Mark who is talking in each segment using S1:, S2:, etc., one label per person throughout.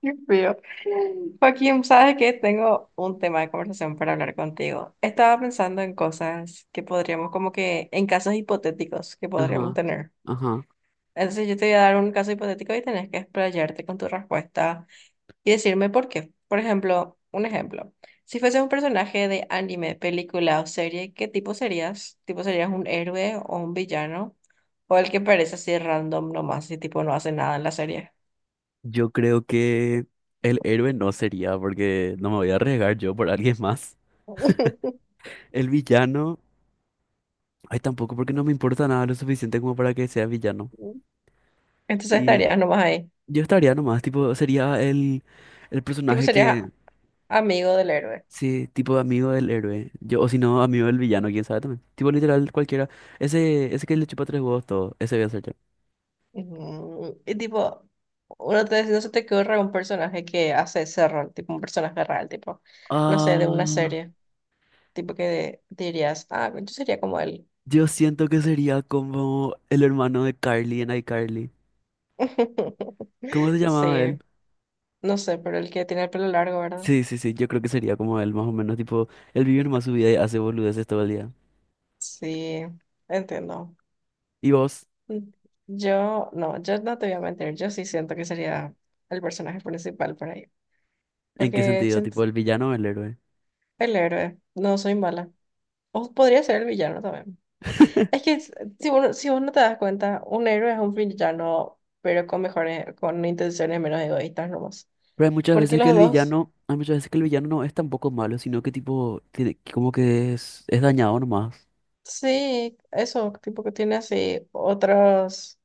S1: Qué feo. Joaquín, sabes que tengo un tema de conversación para hablar contigo. Estaba pensando en cosas que podríamos, como que en casos hipotéticos que podríamos
S2: Ajá,
S1: tener.
S2: ajá.
S1: Entonces yo te voy a dar un caso hipotético y tenés que explayarte con tu respuesta y decirme por qué. Por ejemplo, un ejemplo. Si fueses un personaje de anime, película o serie, ¿qué tipo serías? ¿Tipo serías un héroe o un villano? ¿O el que parece así random nomás y tipo no hace nada en la serie?
S2: Yo creo que el héroe no sería, porque no me voy a arriesgar yo por alguien más. El villano, ay, tampoco, porque no me importa nada lo suficiente como para que sea villano.
S1: Entonces
S2: Y
S1: estarías nomás ahí.
S2: yo estaría nomás, tipo, sería el
S1: Tipo,
S2: personaje
S1: serías
S2: que,
S1: amigo del héroe.
S2: sí, tipo amigo del héroe. Yo, o si no, amigo del villano, quién sabe también. Tipo, literal, cualquiera. Ese que le chupa tres huevos todo, ese voy a ser yo.
S1: Y tipo, uno te, no se te ocurre un personaje que hace ese rol, tipo un personaje real, tipo, no sé, de una
S2: Ah,
S1: serie, tipo que dirías, ah, yo sería como él.
S2: yo siento que sería como el hermano de Carly en iCarly. ¿Cómo se llamaba él?
S1: Sí, no sé, pero el que tiene el pelo largo, ¿verdad?
S2: Sí, sí, sí, yo creo que sería como él, más o menos, tipo, él vive nomás su vida y hace boludeces todo el día.
S1: Sí, entiendo.
S2: ¿Y vos?
S1: Mm, Yo, no, yo no te voy a mentir, yo sí siento que sería el personaje principal por ahí,
S2: ¿En qué
S1: porque
S2: sentido? ¿Tipo el villano o el héroe?
S1: el héroe, no soy mala. O podría ser el villano también. Es que si uno, si uno te das cuenta, un héroe es un villano, pero con mejores, con intenciones menos egoístas nomás.
S2: Pero hay muchas
S1: Porque
S2: veces que
S1: los
S2: el
S1: dos,
S2: villano, hay muchas veces que el villano no es tampoco malo, sino que tipo, tiene, que como que es dañado nomás.
S1: sí, eso, tipo que tiene así otros,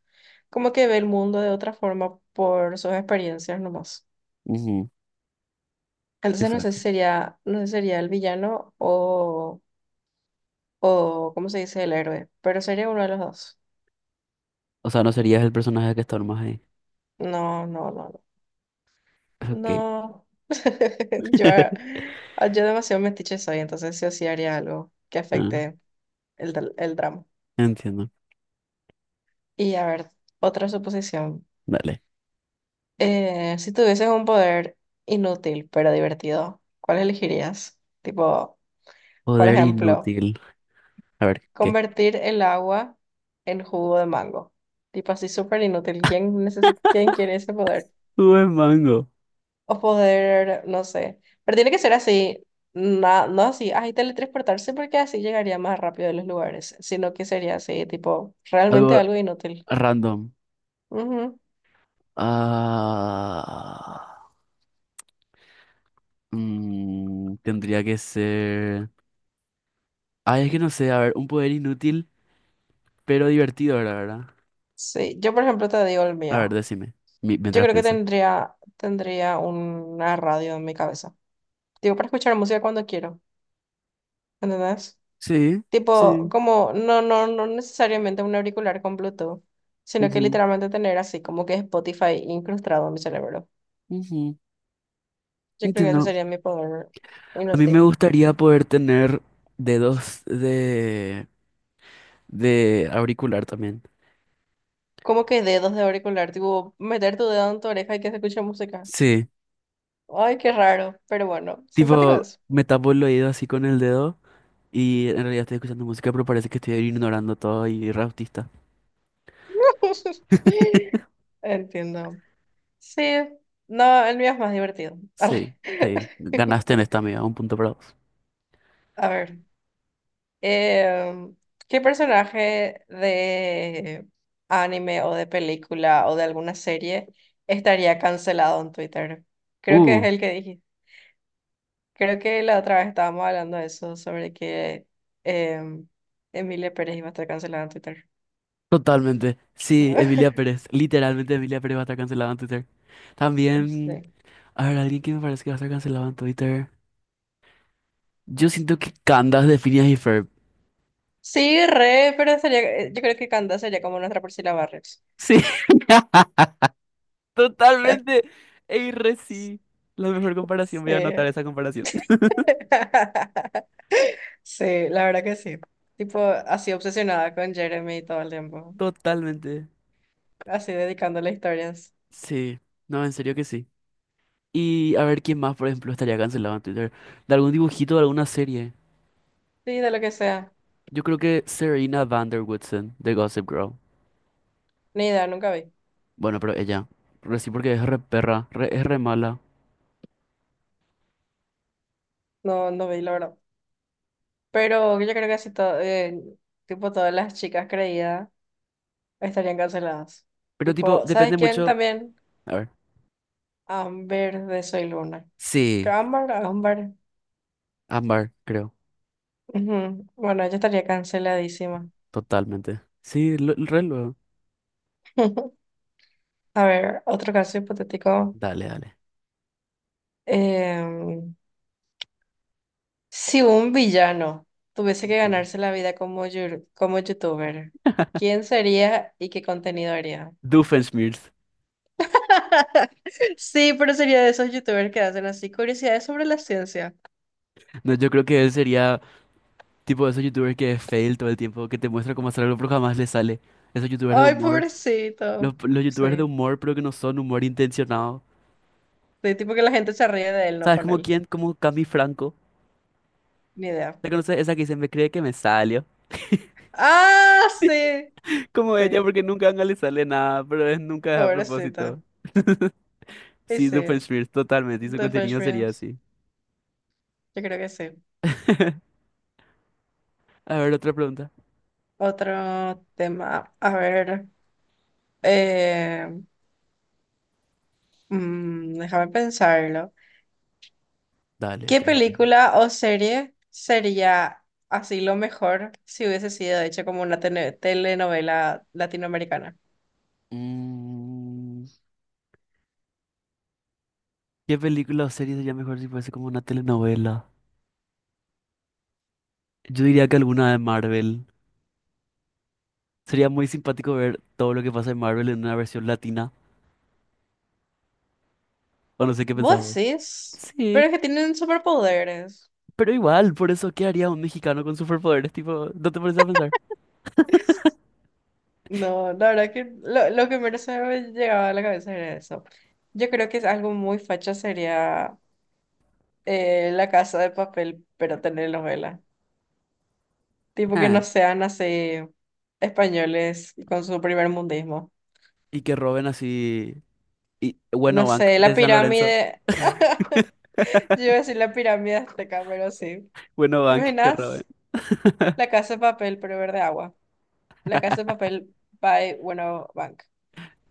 S1: como que ve el mundo de otra forma por sus experiencias nomás.
S2: Ujú,
S1: Entonces no sé si
S2: exacto.
S1: sería, no sé si sería el villano o, ¿cómo se dice? El héroe, pero sería uno de los dos.
S2: O sea, no serías el personaje que está nomás ahí.
S1: No, no, no,
S2: Ok.
S1: no, yo, yo demasiado metiche soy, entonces sí o sí haría algo que
S2: Ah,
S1: afecte el, el drama.
S2: entiendo.
S1: Y a ver, otra suposición.
S2: Dale.
S1: Si tuvieses un poder inútil pero divertido, ¿cuál elegirías? Tipo, por
S2: Poder
S1: ejemplo,
S2: inútil. A ver, ¿qué?
S1: convertir el agua en jugo de mango. Tipo así súper inútil. ¿Quién quién quiere ese poder?
S2: Buen mango.
S1: O poder, no sé. Pero tiene que ser así, no así, ay, teletransportarse porque así llegaría más rápido a los lugares, sino que sería así, tipo, realmente
S2: Algo
S1: algo inútil.
S2: random.
S1: Ujú.
S2: Ah. Tendría que ser. Ah, es que no sé, a ver, un poder inútil, pero divertido, la verdad.
S1: Sí, yo por ejemplo te digo el
S2: A ver,
S1: mío.
S2: decime,
S1: Yo
S2: mientras
S1: creo que
S2: pienso.
S1: tendría una radio en mi cabeza. Digo, para escuchar música cuando quiero, ¿entendés?
S2: Sí,
S1: Tipo,
S2: sí.
S1: como, no, no, no necesariamente un auricular con Bluetooth, sino que
S2: Ujú,
S1: literalmente tener así, como que Spotify incrustado en mi cerebro.
S2: ujú,
S1: Yo creo que ese
S2: entiendo.
S1: sería mi poder
S2: A mí me
S1: inútil.
S2: gustaría poder tener dedos de auricular también.
S1: ¿Cómo que dedos de auricular? Tipo, meter tu dedo en tu oreja y que se escuche música.
S2: Sí,
S1: Ay, qué raro, pero bueno, simpático
S2: tipo,
S1: es.
S2: me tapo el oído así con el dedo y en realidad estoy escuchando música, pero parece que estoy ignorando todo y re autista.
S1: Entiendo. Sí, no, el mío es más divertido.
S2: Sí,
S1: Arre.
S2: sí. Ganaste en esta, amiga, un punto para vos.
S1: A ver, em, ¿qué personaje de anime o de película o de alguna serie estaría cancelado en Twitter? Creo que
S2: Uh,
S1: es el que Creo que la otra vez estábamos hablando de eso, sobre que em, Emilia Pérez iba a estar cancelada en Twitter.
S2: Totalmente. Sí, Emilia Pérez. Literalmente Emilia Pérez va a estar cancelada en Twitter. También,
S1: Sí.
S2: a ver, alguien que me parece que va a estar cancelado en Twitter. Yo siento que Candace de Phineas y Ferb.
S1: Sí, re, pero sería, yo creo que Canda sería como nuestra Priscila Barrios.
S2: Sí, totalmente. Ey, re sí. La mejor comparación,
S1: Sí.
S2: voy a anotar esa comparación.
S1: Sí, la verdad que sí. Tipo, así obsesionada con Jeremy todo el tiempo.
S2: Totalmente.
S1: Así dedicándole historias.
S2: Sí, no, en serio que sí. Y a ver quién más, por ejemplo, estaría cancelado en Twitter. De algún dibujito, de alguna serie.
S1: Sí, de lo que sea.
S2: Yo creo que Serena Vanderwoodsen de Gossip Girl.
S1: Ni idea, nunca vi.
S2: Bueno, pero ella. Pero sí, porque es re perra, es re mala.
S1: No, no vi, la verdad. Pero yo creo que así todo, tipo, todas las chicas creídas estarían canceladas.
S2: Pero tipo,
S1: Tipo, ¿sabes
S2: depende
S1: quién
S2: mucho.
S1: también?
S2: A ver.
S1: Amber de Soy Luna.
S2: Sí,
S1: Amber.
S2: Ámbar, creo.
S1: Ujú. Bueno, ella estaría canceladísima.
S2: Totalmente. Sí, lo, re luego.
S1: A ver, otro caso hipotético.
S2: Dale, dale.
S1: Em, si un villano tuviese que
S2: Mm.
S1: ganarse la vida como, como youtuber, ¿quién sería y qué contenido haría?
S2: Doofenshmirtz.
S1: Sí, pero sería de esos youtubers que hacen así curiosidades sobre la ciencia.
S2: No, yo creo que él sería tipo de esos youtubers que es fail todo el tiempo, que te muestra cómo hacer algo pero jamás le sale. Esos youtubers de
S1: Ay,
S2: humor. Los,
S1: pobrecito.
S2: los youtubers de
S1: Sí.
S2: humor, pero que no son humor intencionado.
S1: De tipo que la gente se ríe de él, no
S2: ¿Sabes
S1: con
S2: como
S1: él.
S2: quién? Como Cami Franco.
S1: Ni idea.
S2: ¿Te conoces? Esa que dice, me cree que me salió.
S1: ¡Ah, sí!
S2: Como ella,
S1: Sí,
S2: porque nunca a le sale nada, pero es nunca es a
S1: pobrecita.
S2: propósito.
S1: Y
S2: Sí,
S1: sí,
S2: Doofenshmirtz, totalmente. Y su
S1: The French
S2: contenido sería
S1: Beans.
S2: así.
S1: Yo creo que sí.
S2: A ver, otra pregunta.
S1: Otro tema. A ver. eh, déjame pensarlo.
S2: Dale,
S1: ¿Qué
S2: te dejo pensar.
S1: película o serie sería así lo mejor si hubiese sido hecha como una telenovela latinoamericana?
S2: Mm, ¿qué película o serie sería mejor si fuese como una telenovela? Yo diría que alguna de Marvel. Sería muy simpático ver todo lo que pasa en Marvel en una versión latina. O no sé qué pensás
S1: Vos
S2: vos.
S1: decís, pero
S2: Sí,
S1: es que tienen superpoderes.
S2: pero igual, por eso, ¿qué haría un mexicano con superpoderes? Tipo, ¿no te pones a pensar?
S1: No, la verdad que lo que menos se me llegaba a la cabeza era eso. Yo creo que es algo muy facha sería la casa de papel, pero tener novela. Tipo que
S2: Ah,
S1: no sean así españoles con su primer mundismo.
S2: y que roben así. Y
S1: No
S2: bueno, Bank
S1: sé, la
S2: de San Lorenzo.
S1: pirámide. Yo iba a decir la pirámide azteca, pero sí.
S2: Bueno,
S1: ¿Te
S2: Bank, que roben.
S1: imaginas? La casa de papel, pero verde agua. La casa de papel by, bueno, bank.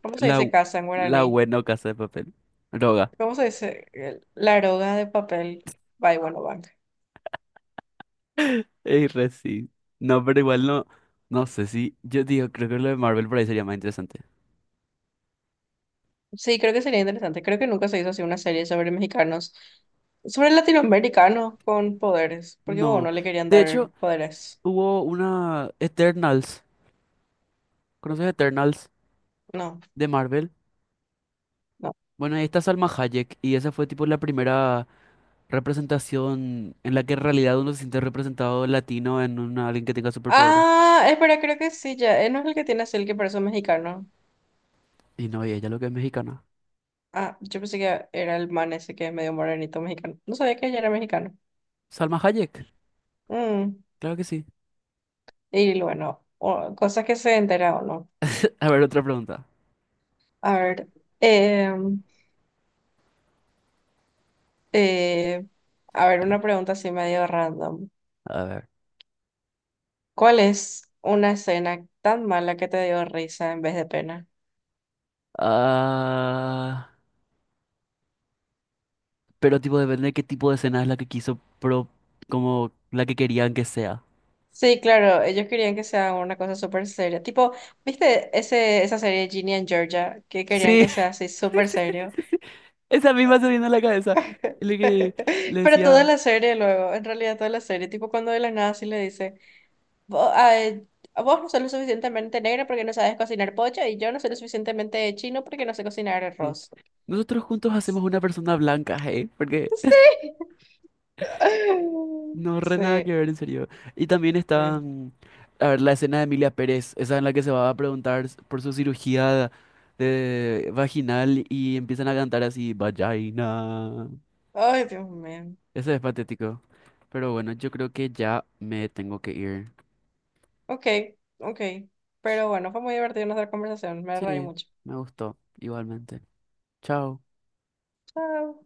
S1: ¿Cómo se
S2: La,
S1: dice casa en
S2: la
S1: guaraní?
S2: buena casa de papel. Droga.
S1: ¿Cómo se dice? La aroga de papel by Bueno Bank.
S2: Ey, re sí. No, pero igual no. No sé si. Yo digo, creo que lo de Marvel por ahí sería más interesante.
S1: Sí, creo que sería interesante. Creo que nunca se hizo así una serie sobre mexicanos, sobre latinoamericanos con poderes, porque bueno,
S2: No.
S1: no le querían
S2: De
S1: dar
S2: hecho,
S1: poderes.
S2: hubo una Eternals. ¿Conoces Eternals
S1: No,
S2: de Marvel?
S1: no.
S2: Bueno, ahí está Salma Hayek. Y esa fue tipo la primera representación en la que en realidad uno se siente representado latino en una, alguien que tenga superpoderes.
S1: Ah, espera, creo que sí, ya. No es el que tiene así el que parece un mexicano.
S2: Y no, y ella lo que es mexicana.
S1: Ah, yo pensé que era el man ese que es medio morenito mexicano. No sabía que ella era mexicano.
S2: Salma Hayek.
S1: Mm,
S2: Claro que sí.
S1: Y bueno, o- cosas que se entera o no.
S2: A ver, otra pregunta.
S1: A ver. em, Eh, a ver, una pregunta así medio random.
S2: A ver.
S1: ¿Cuál es una escena tan mala que te dio risa en vez de pena?
S2: Ah, pero tipo depende de qué tipo de escena es la que quiso, pero como la que querían que sea.
S1: Sí, claro, ellos querían que sea una cosa súper seria. Tipo, ¿viste ese, esa serie Ginny and Georgia? Que querían
S2: Sí,
S1: que sea así súper serio.
S2: esa misma se viene a la cabeza. Es que le
S1: Pero toda
S2: decía,
S1: la serie luego, en realidad toda la serie, tipo cuando de la nada sí le dice, vos, ay, vos no sos lo suficientemente negro porque no sabes cocinar pollo y yo no soy lo suficientemente chino porque no sé cocinar
S2: sí.
S1: arroz.
S2: Nosotros juntos hacemos una persona blanca, hey, porque
S1: Sí.
S2: no re nada que
S1: Sí,
S2: ver, en serio. Y también está,
S1: sí.
S2: a ver, la escena de Emilia Pérez, esa en la que se va a preguntar por su cirugía de vaginal y empiezan a cantar así, vagina.
S1: Ay, Dios mío.
S2: Ese es patético. Pero bueno, yo creo que ya me tengo que ir.
S1: Ok, ok. Pero bueno, fue muy divertido nuestra conversación. Me reí
S2: Sí,
S1: mucho.
S2: me gustó igualmente. Chao.
S1: Chao.